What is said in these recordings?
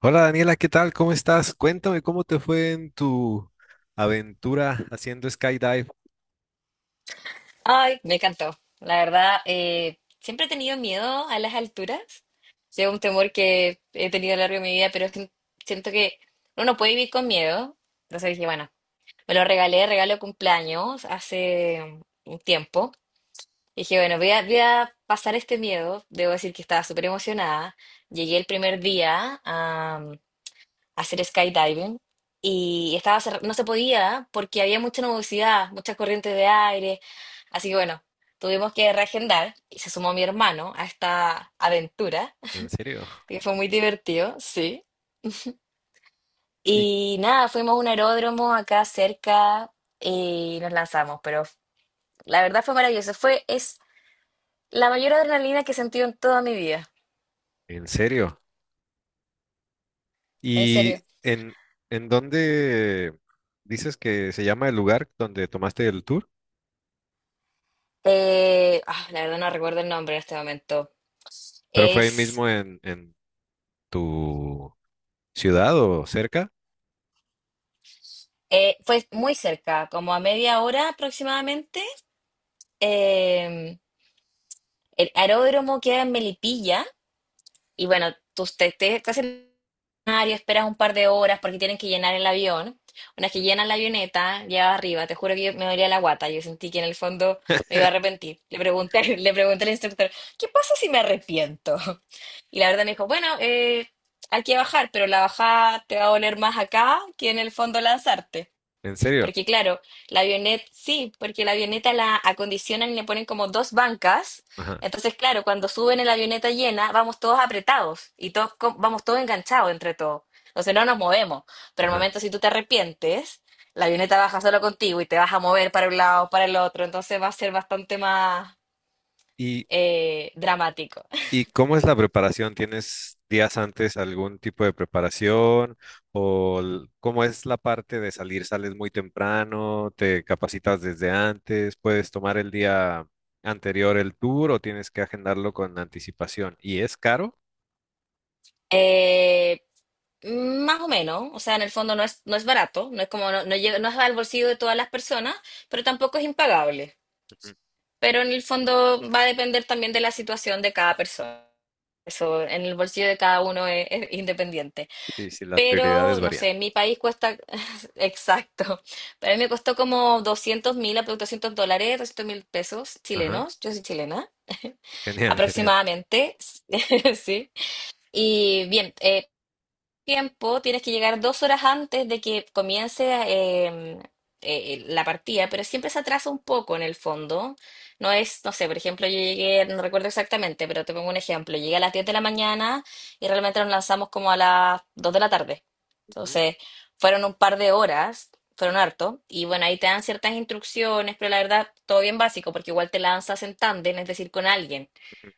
Hola Daniela, ¿qué tal? ¿Cómo estás? Cuéntame cómo te fue en tu aventura haciendo skydive. Ay, me encantó. La verdad, siempre he tenido miedo a las alturas. Sí, es un temor que he tenido a lo largo de mi vida, pero es que siento que uno no puede vivir con miedo. Entonces dije, bueno, me lo regalé, regalo de cumpleaños hace un tiempo. Y dije, bueno, voy a pasar este miedo. Debo decir que estaba súper emocionada. Llegué el primer día, hacer skydiving y estaba no se podía porque había mucha nubosidad, muchas corrientes de aire, así que bueno, tuvimos que reagendar y se sumó mi hermano a esta aventura, ¿En serio? que fue muy divertido, sí. ¿Y Y nada, fuimos a un aeródromo acá cerca y nos lanzamos, pero la verdad fue maravilloso, fue, es la mayor adrenalina que he sentido en toda mi vida, en serio? en serio. ¿Y en, en dónde dices que se llama el lugar donde tomaste el tour? La verdad no recuerdo el nombre en este momento. ¿Pero fue ahí Es mismo en tu ciudad o cerca? Fue muy cerca, como a media hora aproximadamente. Eh, el aeródromo queda en Melipilla y bueno, tú estás en el escenario, esperas un par de horas porque tienen que llenar el avión. Una vez que llenan la avioneta, ya arriba, te juro que me dolía la guata, yo sentí que en el fondo me iba a arrepentir. Le pregunté, le pregunté al instructor, ¿qué pasa si me arrepiento? Y la verdad me dijo, bueno, hay que bajar, pero la bajada te va a doler más acá que en el fondo lanzarte. ¿En serio? Porque claro, la avioneta, sí, porque la avioneta la acondicionan y le ponen como dos bancas. Ajá, Entonces, claro, cuando suben en la avioneta llena, vamos todos apretados y todos vamos todos enganchados entre todos. Entonces no nos movemos. Pero al ajá. momento si tú te arrepientes, la avioneta baja solo contigo y te vas a mover para un lado, para el otro. Entonces va a ser bastante más ¿Y dramático. ¿Y cómo es la preparación? ¿Tienes días antes algún tipo de preparación? ¿O l- cómo es la parte de salir? ¿Sales muy temprano? ¿Te capacitas desde antes? ¿Puedes tomar el día anterior el tour o tienes que agendarlo con anticipación? ¿Y es caro? Eh, Más o menos, o sea, en el fondo no es barato, no es como, no, no es al bolsillo de todas las personas, pero tampoco es impagable. Ujú. Pero en el fondo va a depender también de la situación de cada persona. Eso en el bolsillo de cada uno es independiente. Sí, sí, las Pero, prioridades no varían. sé, en mi país cuesta, exacto, para mí me costó como 200.000, $200, doscientos mil pesos Ajá, chilenos, yo soy chilena, genial, genial. aproximadamente, sí. Y bien, tiempo, tienes que llegar 2 horas antes de que comience em, eh, la partida, pero siempre se atrasa un poco en el fondo. No es, no sé, por ejemplo, yo llegué, no recuerdo exactamente, pero te pongo un ejemplo, llegué a las 10 de la mañana y realmente nos lanzamos como a las 2 de la tarde. Ujú, Entonces, fueron un par de horas, fueron harto, y bueno, ahí te dan ciertas instrucciones, pero la verdad, todo bien básico, porque igual te lanzas en tándem, es decir, con alguien. ujú.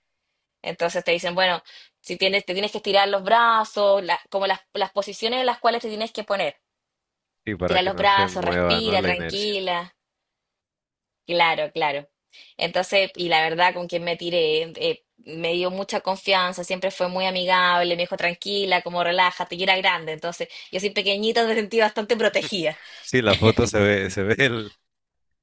Entonces te dicen, bueno, si tienes, te tienes que estirar los brazos, como las posiciones en las cuales te tienes que poner. Y para Tira que los no se brazos, mueva, ¿no? respira, La inercia. tranquila. Claro, claro. Entonces, y la verdad, con quien me tiré, me dio mucha confianza, siempre fue muy amigable, me dijo tranquila, como relájate, y era grande. Entonces, yo soy pequeñita, me sentí bastante protegida. Sí, la foto se ve el.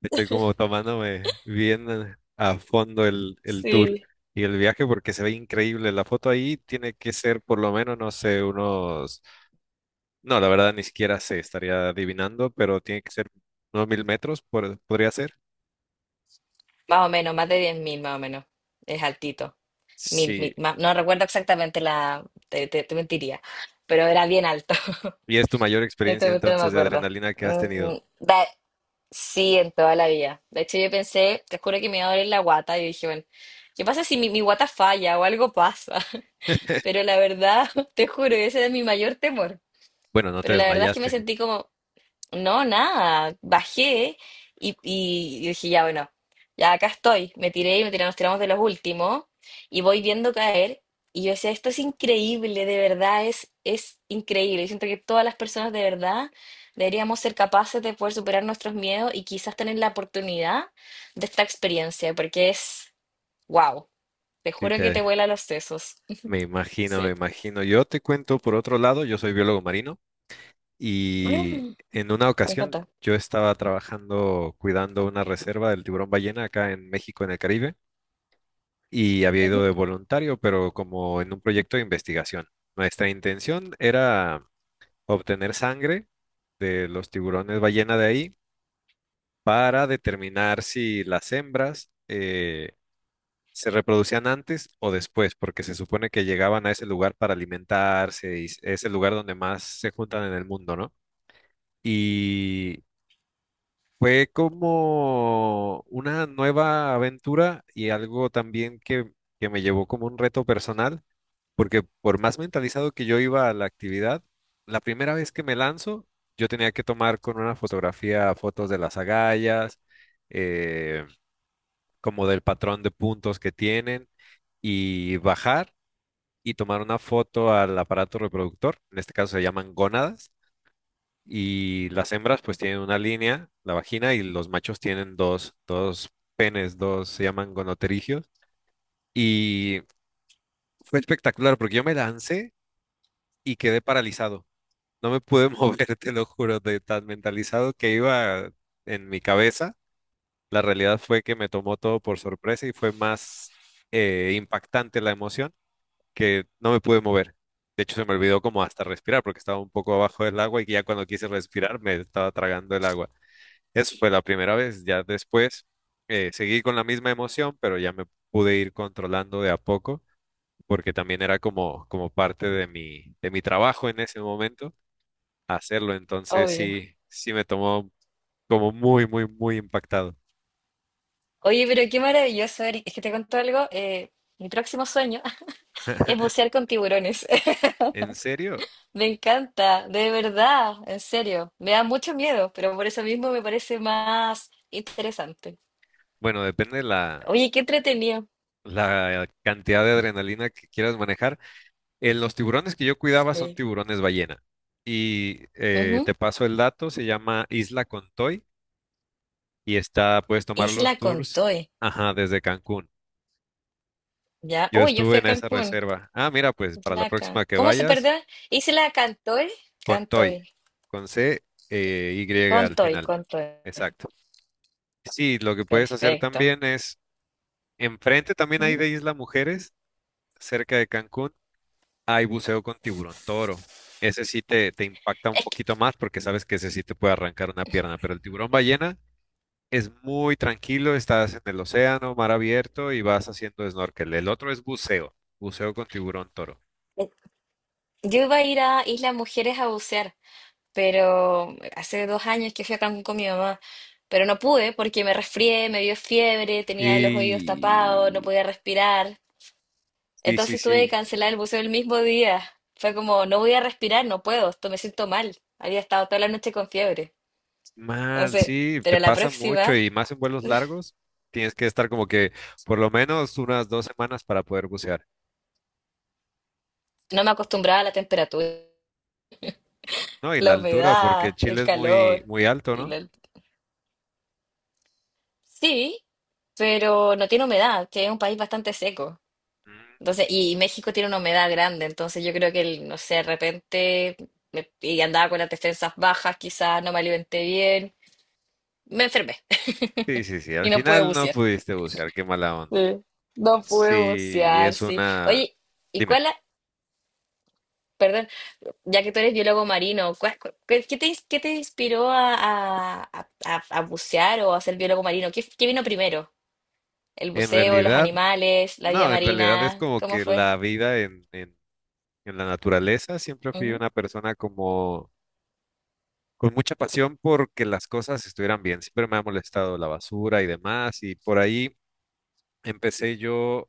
Estoy como tomándome bien a fondo el tour Sí. y el viaje porque se ve increíble. La foto ahí tiene que ser por lo menos, no sé, unos... No, la verdad ni siquiera sé, estaría adivinando, pero tiene que ser unos 1000 metros, por- podría ser. Más o menos, más de 10.000, más o menos. Es altito. Mil, Sí. mil, no recuerdo exactamente te mentiría, pero era bien alto. Y es tu mayor Esta experiencia cuestión no me entonces de acuerdo. adrenalina que has Mm, tenido. da- sí, en toda la vida. De hecho, yo pensé, te juro que me iba a doler la guata. Yo dije, bueno, ¿qué pasa si mi guata falla o algo pasa? Pero la verdad, te juro, ese era mi mayor temor. Bueno, no te Pero la verdad es que me desmayaste. sentí como no, nada, bajé y dije, ya bueno, ya acá estoy, me tiré y me tiré, nos tiramos de los últimos y voy viendo caer y yo decía, esto es increíble, de verdad es increíble. Yo siento que todas las personas de verdad deberíamos ser capaces de poder superar nuestros miedos y quizás tener la oportunidad de esta experiencia, porque es, wow, te Sí, juro que te te... vuela los sesos. Me imagino, me Sí. imagino. Yo te cuento por otro lado, yo soy biólogo marino. Y Me en una ocasión encanta. yo estaba trabajando cuidando una reserva del tiburón ballena acá en México, en el Caribe, y había ido Ujú, de voluntario, pero como en un proyecto de investigación. Nuestra intención era obtener sangre de los tiburones ballena de ahí para determinar si las hembras se reproducían antes o después, porque se supone que llegaban a ese lugar para alimentarse y es el lugar donde más se juntan en el mundo, ¿no? Y fue como una nueva aventura y algo también que me llevó como un reto personal, porque por más mentalizado que yo iba a la actividad, la primera vez que me lanzo, yo tenía que tomar con una fotografía fotos de las agallas, eh, como del patrón de puntos que tienen, y bajar y tomar una foto al aparato reproductor, en este caso se llaman gónadas y las hembras pues tienen una línea, la vagina, y los machos tienen dos, penes, dos, se llaman gonoterigios. Y fue espectacular porque yo me lancé y quedé paralizado. No me pude mover, te lo juro, de tan mentalizado que iba en mi cabeza. La realidad fue que me tomó todo por sorpresa y fue más impactante la emoción que no me pude mover. De hecho, se me olvidó como hasta respirar porque estaba un poco abajo del agua y ya cuando quise respirar me estaba tragando el agua. Eso fue la primera vez. Ya después seguí con la misma emoción, pero ya me pude ir controlando de a poco, porque también era como, como parte de mi trabajo en ese momento hacerlo. Entonces obvio. sí, sí me tomó como muy impactado. Oye, pero qué maravilloso, Eric. Es que te cuento algo. Mi próximo sueño es bucear con tiburones. ¿En serio? Me encanta, de verdad, en serio. Me da mucho miedo, pero por eso mismo me parece más interesante. Bueno, depende de Oye, qué entretenido. la cantidad de adrenalina que quieras manejar. Los tiburones que yo cuidaba son Sí. tiburones ballena. Y Ujú. te paso el dato, se llama Isla Contoy y está, puedes tomar los Isla tours, Contoy. ajá, desde Cancún. Ya. Yo Uy, yo estuve fui a en esa Cancún. reserva. Ah, mira, pues para la próxima que ¿Cómo se vayas, perdona? Isla Cantoy. con Toy, Cantoy. con C, y al Contoy, final. Contoy. Exacto. Sí, lo que puedes hacer Perfecto. también es, enfrente también hay ¿Mm? de Isla Mujeres, cerca de Cancún, hay buceo con tiburón toro. Ese sí te impacta un Es que poquito más porque sabes que ese sí te puede arrancar una pierna, pero el tiburón ballena es muy tranquilo, estás en el océano, mar abierto y vas haciendo snorkel. El otro es buceo, buceo con tiburón toro. eh, yo iba a ir a Isla Mujeres a bucear. Pero hace 2 años que fui a Cancún con mi mamá, pero no pude porque me resfrié, me dio fiebre, tenía los oídos tapados, no Y podía respirar. sí, sí, Entonces tuve sí, que cancelar el buceo el mismo día. Fue como, no voy a respirar, no puedo, esto me siento mal. Había estado toda la noche con fiebre. mal, Entonces, sí, te pero la pasa mucho próxima y más en vuelos largos, tienes que estar como que por lo menos unas 2 semanas para poder bucear, no me acostumbraba a la temperatura, ¿no? Y la la altura, porque humedad, Chile el es muy, calor. muy alto, Y ¿no? la- Sí, pero no tiene humedad, que es un país bastante seco. Mm, Entonces, y México tiene una humedad grande, entonces yo creo que, el, no sé, de repente, y andaba con las defensas bajas, quizás no me alimenté bien, me enfermé sí, sí, sí, al y no pude final no bucear. pudiste bucear, qué mala onda. Sí, no pude Sí, bucear, es sí. una... Oye, ¿y Dime, cuál, perdón, ya que tú eres biólogo marino, qué te inspiró a bucear o a ser biólogo marino? ¿Qué vino primero? ¿El en buceo, los realidad animales, la vida no, en realidad es marina? como ¿Cómo que fue? la vida en la naturaleza, siempre fui Ujú, una persona como con mucha pasión porque las cosas estuvieran bien. Siempre me ha molestado la basura y demás y por ahí empecé yo,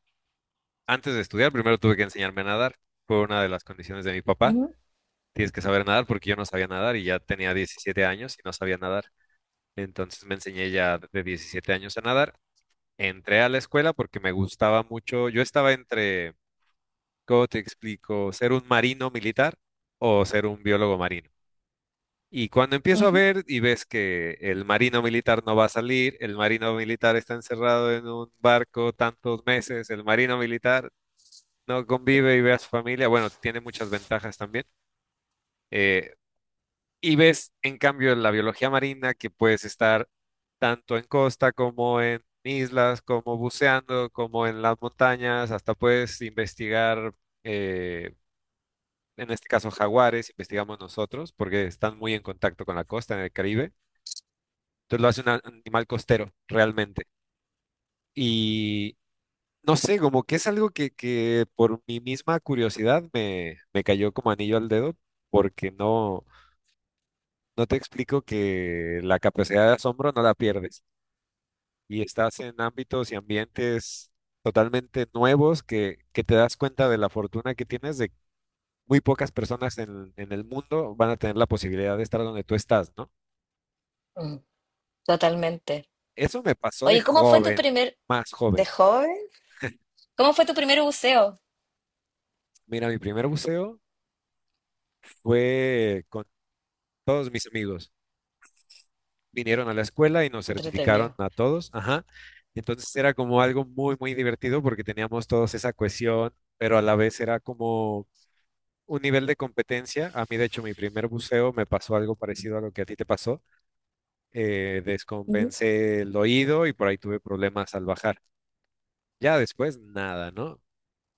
antes de estudiar, primero tuve que enseñarme a nadar. Fue una de las condiciones de mi papá. ujú, Tienes que saber nadar porque yo no sabía nadar y ya tenía 17 años y no sabía nadar. Entonces me enseñé ya de 17 años a nadar. Entré a la escuela porque me gustaba mucho. Yo estaba entre ¿cómo te explico? ¿Ser un marino militar o ser un biólogo marino? Y cuando empiezo a ujú. ver y ves que el marino militar no va a salir, el marino militar está encerrado en un barco tantos meses, el marino militar no convive y ve a su familia, bueno, tiene muchas ventajas también. Eh, y ves, en cambio, la biología marina que puedes estar tanto en costa como en islas, como buceando, como en las montañas, hasta puedes investigar. eh, en este caso jaguares, investigamos nosotros porque están muy en contacto con la costa en el Caribe. Entonces lo hace un a- animal costero realmente. Y no sé, como que es algo que por mi misma curiosidad me, me cayó como anillo al dedo porque no, no te explico que la capacidad de asombro no la pierdes y estás en ámbitos y ambientes totalmente nuevos que te das cuenta de la fortuna que tienes de muy pocas personas en el mundo van a tener la posibilidad de estar donde tú estás, ¿no? Mm, totalmente. Eso me pasó de Oye, ¿cómo fue tu joven, primer, más de joven. joven, cómo fue tu primer buceo? Mira, mi primer buceo fue con todos mis amigos. Vinieron a la escuela y nos Qué certificaron entretenido. a todos. Ajá. Entonces era como algo muy divertido porque teníamos todos esa cohesión, pero a la vez era como un nivel de competencia. A mí, de hecho, mi primer buceo me pasó algo parecido a lo que a ti te pasó. Ujú. Descompensé el oído y por ahí tuve problemas al bajar. Ya después, nada, ¿no?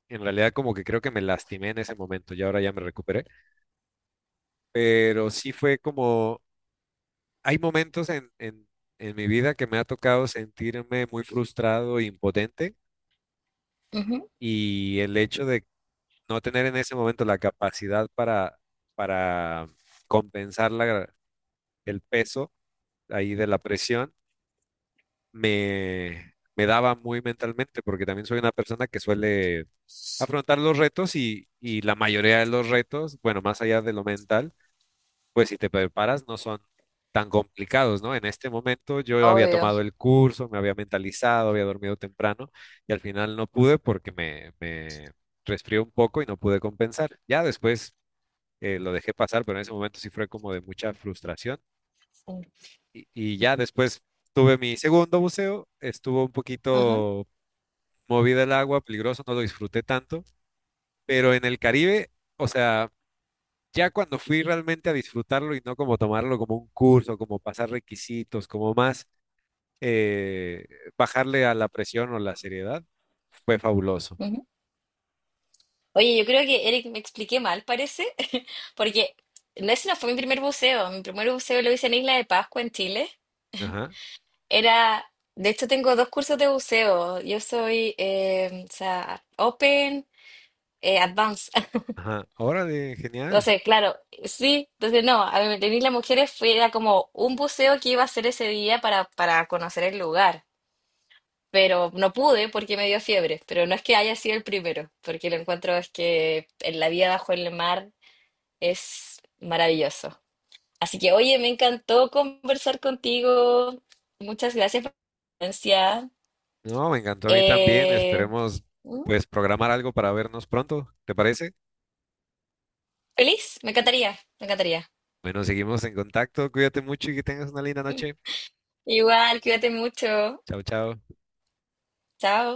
En realidad como que creo que me lastimé en ese momento y ahora ya me recuperé pero sí fue como, hay momentos en mi vida que me ha tocado sentirme muy frustrado e impotente Ujú, y el hecho de no tener en ese momento la capacidad para compensar la- el peso ahí de la presión, me daba muy mentalmente, porque también soy una persona que suele afrontar los retos y la mayoría de los retos, bueno, más allá de lo mental pues si te preparas no son tan complicados, ¿no? En este momento yo había obvio. tomado el curso, me había mentalizado, había dormido temprano y al final no pude porque me resfrié un poco y no pude compensar. Ya después lo dejé pasar, pero en ese momento sí fue como de mucha frustración Sí. Y ya después tuve mi segundo buceo, estuvo un Ajá, poquito movida el agua, peligroso, no lo disfruté tanto, pero en el Caribe... O sea, ya cuando fui realmente a disfrutarlo y no como tomarlo como un curso, como pasar requisitos, como más eh, bajarle a la presión o la seriedad, fue fabuloso. ujú. Oye, yo creo que Eric me expliqué mal, parece, porque ese no fue mi primer buceo. Mi primer buceo lo hice en Isla de Pascua, en Chile. Ajá, Era, de hecho, tengo dos cursos de buceo. Yo soy, o sea, Open, Advanced. ajá. Órale, genial. Entonces, claro, sí, entonces no, a mí, en Isla Mujeres fue, era como un buceo que iba a hacer ese día para conocer el lugar. Pero no pude porque me dio fiebre. Pero no es que haya sido el primero, porque lo encuentro es que en la vida bajo el mar es maravilloso. Así que, oye, me encantó conversar contigo. Muchas gracias por la presencia. No, me encantó a mí también. Eh, Esperemos mm, pues programar algo para vernos pronto, ¿te parece? ¿Feliz? Me encantaría, me encantaría. Bueno, seguimos en contacto. Cuídate mucho y que tengas una linda noche. Igual, cuídate mucho. Chao, chao. Chao.